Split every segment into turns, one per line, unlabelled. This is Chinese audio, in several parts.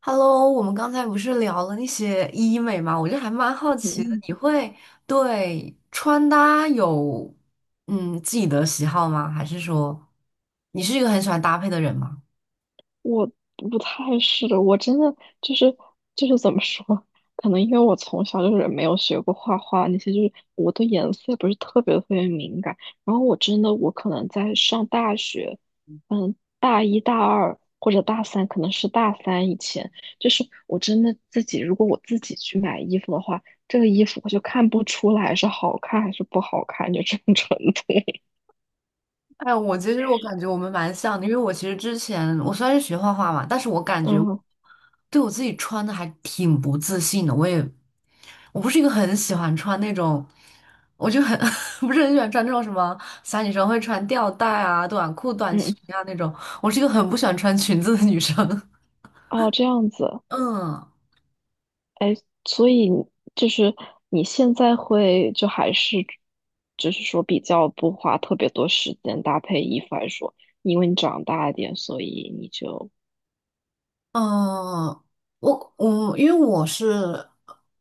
Hello，我们刚才不是聊了那些医美嘛，我就还蛮好奇的，
嗯，
你会对穿搭有自己的喜好吗？还是说你是一个很喜欢搭配的人吗？
我不太是，我真的就是就是怎么说，可能因为我从小就是没有学过画画那些，就是我对颜色不是特别特别敏感。然后我真的，我可能在上大学，嗯，大一大二或者大三，可能是大三以前，就是我真的自己，如果我自己去买衣服的话，这个衣服我就看不出来是好看还是不好看，就这种程度。
哎，我其实感觉我们蛮像的，因为我其实之前我虽然是学画画嘛，但是我感 觉
嗯
对我自己穿的还挺不自信的，我不是一个很喜欢穿那种，我就很 不是很喜欢穿那种什么小女生会穿吊带啊、短裤、短裙
嗯，
啊那种。我是一个很不喜欢穿裙子的女生。
哦，这样子。
嗯。
所以你就是你现在会就还是就是说比较不花特别多时间搭配衣服来说，因为你长大一点，所以你就。
嗯，我我因为我是，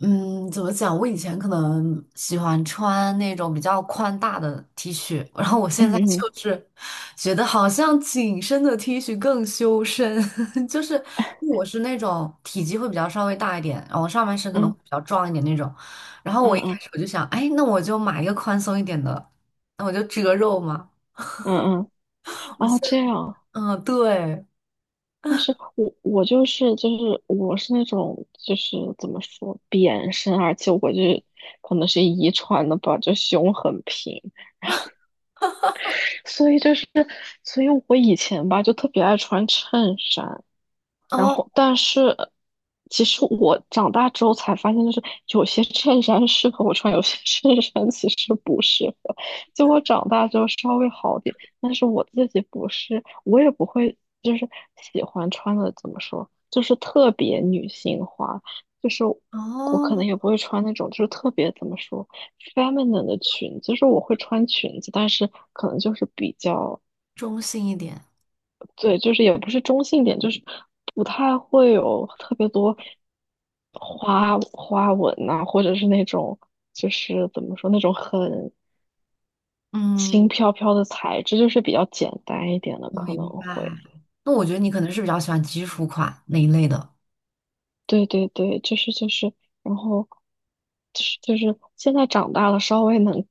嗯，怎么讲？我以前可能喜欢穿那种比较宽大的 T 恤，然后我现
嗯
在
嗯
就是觉得好像紧身的 T 恤更修身，就是我是那种体积会比较稍微大一点，然后上半身可能
嗯
会比较壮一点那种。然后
嗯
我一开
嗯
始我就想，哎，那我就买一个宽松一点的，那我就遮肉嘛。
嗯嗯，
我
哦，
现，
这样。
嗯，对。
但是我就是我是那种就是怎么说扁身，而且我就是可能是遗传的吧，就胸很平，所以就是所以我以前吧就特别爱穿衬衫。然
哦
后，但是其实我长大之后才发现，就是有些衬衫适合我穿，有些 衬衫其实不适合。就我长大之后稍微好点，但是我自己不是，我也不会就是喜欢穿的怎么说，就是特别女性化，就是我
哦，
可能也不会穿那种就是特别怎么说 feminine 的裙子，就是我会穿裙子，但是可能就是比较。
中性一点。
对，就是也不是中性点，就是不太会有特别多花花纹呐、或者是那种就是怎么说那种很轻
嗯，
飘飘的材质，就是比较简单一点的
我
可能
明白。
会。
那我觉得你可能是比较喜欢基础款那一类的。
对对对，就是就是，然后就是现在长大了，稍微能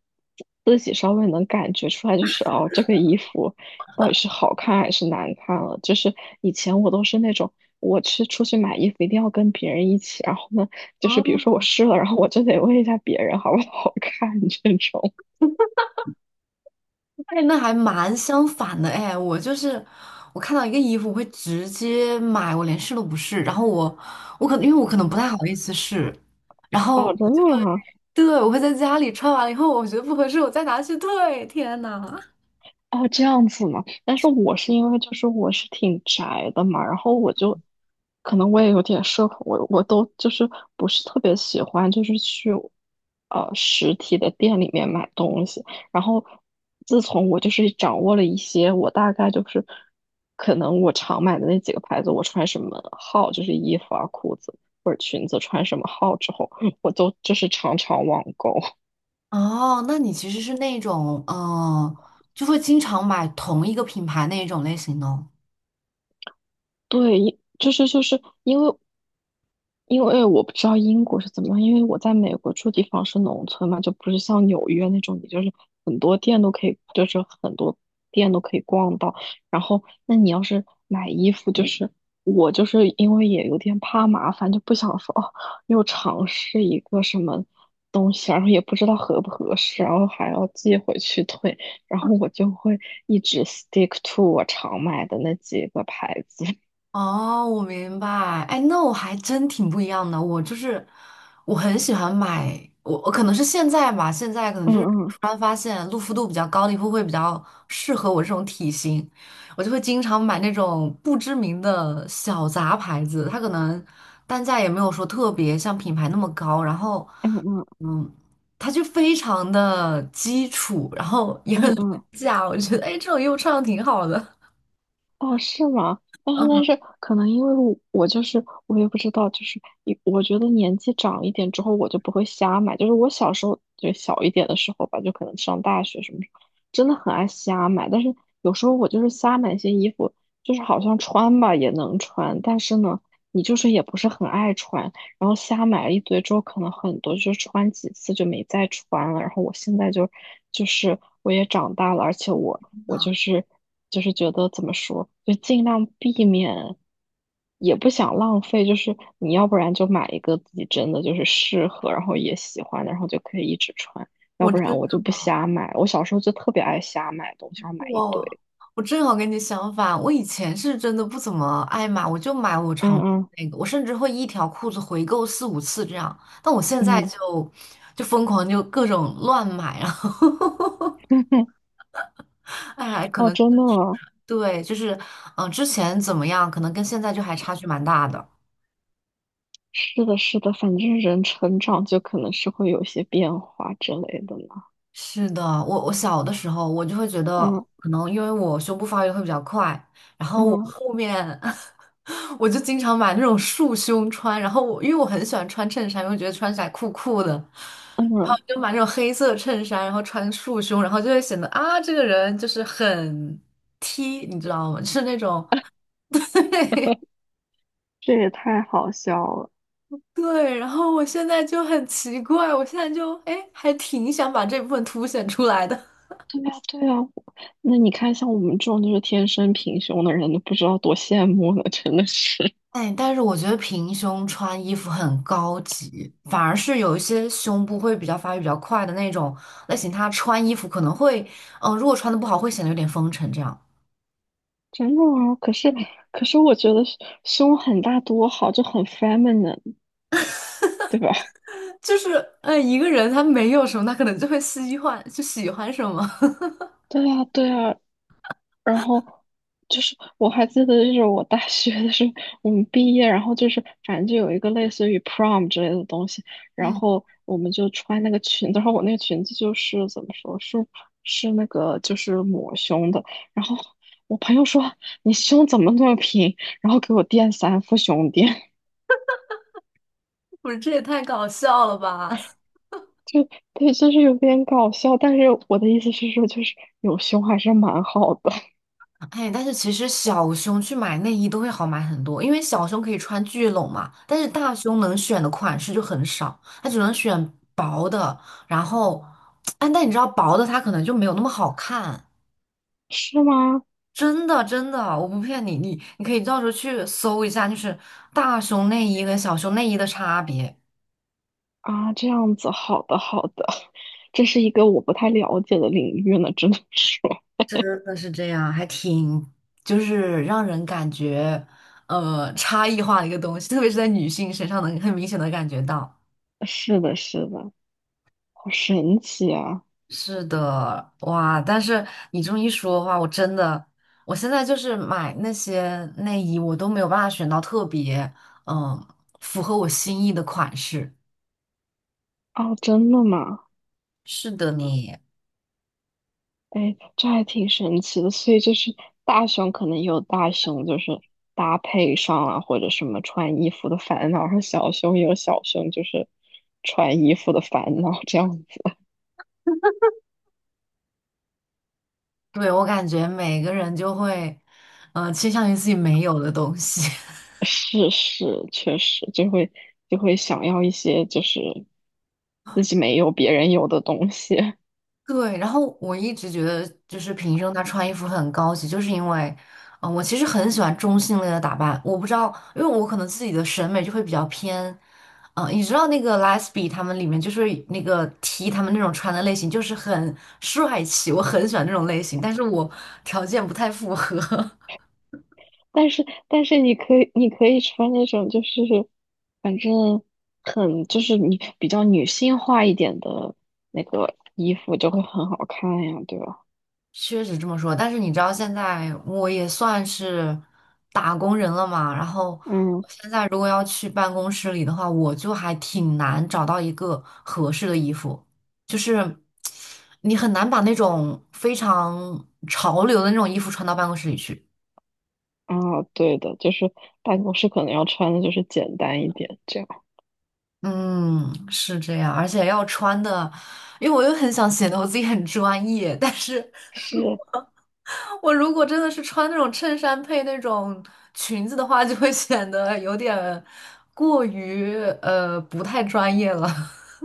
自己稍微能感觉出来，就是哦，这个衣服到底是好看还是难看了。就是以前我都是那种，我去出去买衣服一定要跟别人一起，然后呢，就是比如
哦，
说我试了，然后我就得问一下别人好不好看这种。
哎，那还蛮相反的哎，我就是我看到一个衣服我会直接买，我连试都不试，然后我可能因为我可能不太好意思试，然后
哦，真
我就
的
会
吗？
对我会在家里穿完了以后，我觉得不合适，我再拿去退。天呐
哦，这样子嘛。但是我是因为就是我是挺宅的嘛，然后我就可能我也有点社恐，我都就是不是特别喜欢就是去实体的店里面买东西。然后自从我就是掌握了一些，我大概就是可能我常买的那几个牌子，我穿什么号就是衣服啊、裤子或者裙子穿什么号之后，我都就是常常网购。
哦，那你其实是那种就会经常买同一个品牌那一种类型的哦。
对，因就是就是因为因为我不知道英国是怎么样，因为我在美国住地方是农村嘛，就不是像纽约那种，你就是很多店都可以逛到。然后，那你要是买衣服，就是我就是因为也有点怕麻烦，就不想说哦，又尝试一个什么东西，然后也不知道合不合适，然后还要寄回去退，然后我就会一直 stick to 我常买的那几个牌子。
哦，我明白。哎，那我还真挺不一样的。我就是我很喜欢买，我可能是现在吧，现在可能
嗯
就是
嗯
突然发现露肤度比较高的衣服会比较适合我这种体型，我就会经常买那种不知名的小杂牌子，它可能单价也没有说特别像品牌那么高，然后
嗯嗯
嗯，它就非常的基础，然后也
嗯
很廉
嗯，
价，我觉得哎，这种衣服穿的挺好的。
哦，是吗？但是
嗯，
但是，可能因为我就是我也不知道，就是一我觉得年纪长一点之后，我就不会瞎买。就是我小时候就小一点的时候吧，就可能上大学什么时候，真的很爱瞎买。但是有时候我就是瞎买一些衣服，就是好像穿吧也能穿，但是呢，你就是也不是很爱穿。然后瞎买了一堆之后，可能很多就穿几次就没再穿了。然后我现在就是我也长大了，而且我。
真
我
的
就是觉得怎么说，就尽量避免，也不想浪费。就是你要不然就买一个自己真的就是适合，然后也喜欢的，然后就可以一直穿；要
我
不然
这。
我就不瞎买。我小时候就特别爱瞎买东西，然后买一
我
堆。
我正好跟你相反，我以前是真的不怎么爱买，我就买我
嗯
常穿的
嗯
那个，我甚至会一条裤子回购四五次这样。但我现在
嗯，
就疯狂就各种乱买，然后 哎，可
哦，
能
真的吗？
对，就是之前怎么样，可能跟现在就还差距蛮大的。
是的，是的，反正人成长就可能是会有一些变化之类的嘛。
是的，我小的时候，我就会觉得，
嗯
可能因为我胸部发育得会比较快，然后我
嗯
后面 我就经常买那种束胸穿，然后我因为我很喜欢穿衬衫，因为觉得穿起来酷酷的，然后
嗯，
就买那种黑色衬衫，然后穿束胸，然后就会显得啊，这个人就是很 T，你知道吗？就是那种
这也太好笑了。
对，然后我现在就很奇怪，我现在就哎，还挺想把这部分凸显出来的。
对呀，对呀，那你看，像我们这种就是天生平胸的人，都不知道多羡慕了，真的是，
哎，但是我觉得平胸穿衣服很高级，反而是有一些胸部会比较发育比较快的那种类型，她穿衣服可能会，如果穿的不好，会显得有点风尘这样。
真的啊。可是我觉得胸很大多好，就很 feminine，对吧？
就是，哎，一个人他没有什么，他可能就会喜欢，就喜欢什么。
对呀，对呀。然后就是我还记得，就是我大学的时候，我们毕业，然后就是反正就有一个类似于 prom 之类的东西，然
嗯，
后我们就穿那个裙子，然后我那个裙子就是怎么说，是那个就是抹胸的，然后我朋友说你胸怎么那么平，然后给我垫3副胸垫，
不是，这也太搞笑了吧！
就对，就是有点搞笑，但是我的意思是说，就是有胸还是蛮好的。
哎，但是其实小胸去买内衣都会好买很多，因为小胸可以穿聚拢嘛，但是大胸能选的款式就很少，它只能选薄的。然后，哎，但你知道薄的它可能就没有那么好看，
是吗？
真的真的，我不骗你，你你可以到时候去搜一下，就是大胸内衣跟小胸内衣的差别，
啊，这样子，好的好的。这是一个我不太了解的领域呢，只能说
真的是这样，还挺就是让人感觉差异化的一个东西，特别是在女性身上能很明显的感觉到。
是的，是的，好神奇啊！
是的，哇！但是你这么一说的话，我真的，我现在就是买那些内衣，我都没有办法选到特别嗯符合我心意的款式。
哦，真的吗？
是的你，
哎，这还挺神奇的。所以就是大熊可能有大熊就是搭配上啊，或者什么穿衣服的烦恼，然后小熊也有小熊就是穿衣服的烦恼，这样子。
对，我感觉每个人就会，倾向于自己没有的东西。
是是，确实就会想要一些就是自己没有别人有的东西。
对，然后我一直觉得，就是平生她穿衣服很高级，就是因为，我其实很喜欢中性类的打扮。我不知道，因为我可能自己的审美就会比较偏，你知道那个 Lesbi 他们里面就是那个 T 他们那种穿的类型，就是很帅气，我很喜欢那种类型，但是我条件不太符合。
但是你可以穿那种就是反正很就是你比较女性化一点的那个衣服就会很好看呀，对吧？
确实这么说，但是你知道现在我也算是打工人了嘛，然后
嗯。
我现在如果要去办公室里的话，我就还挺难找到一个合适的衣服，就是你很难把那种非常潮流的那种衣服穿到办公室里去。
啊，对的，就是办公室可能要穿的就是简单一点，这样
嗯，是这样，而且要穿的，因为我又很想显得我自己很专业，但是
是。
我如果真的是穿那种衬衫配那种裙子的话，就会显得有点过于不太专业了。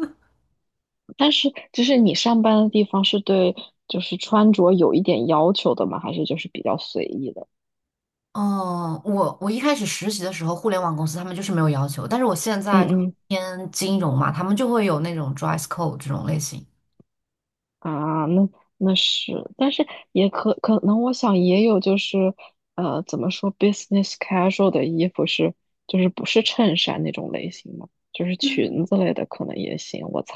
但是就是你上班的地方是对就是穿着有一点要求的吗？还是就是比较随意的？
嗯，我一开始实习的时候，互联网公司他们就是没有要求，但是我现
嗯
在就
嗯。
偏金融嘛，他们就会有那种 dress code 这种类型。
啊，那那是，但是也可能，我想也有就是，怎么说，business casual 的衣服是，就是不是衬衫那种类型的，就是裙子类的可能也行，我猜。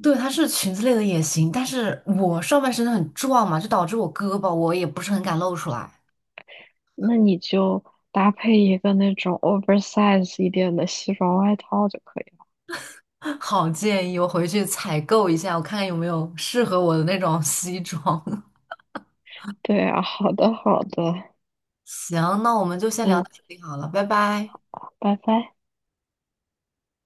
对，它是裙子类的也行，但是我上半身很壮嘛，就导致我胳膊我也不是很敢露出来。
那你就搭配一个那种 oversize 一点的西装外套就可以了。
好建议，我回去采购一下，我看看有没有适合我的那种 西装。
对啊，好的好的，
行，那我们就先聊
嗯，
到这里好了，拜拜。
拜拜。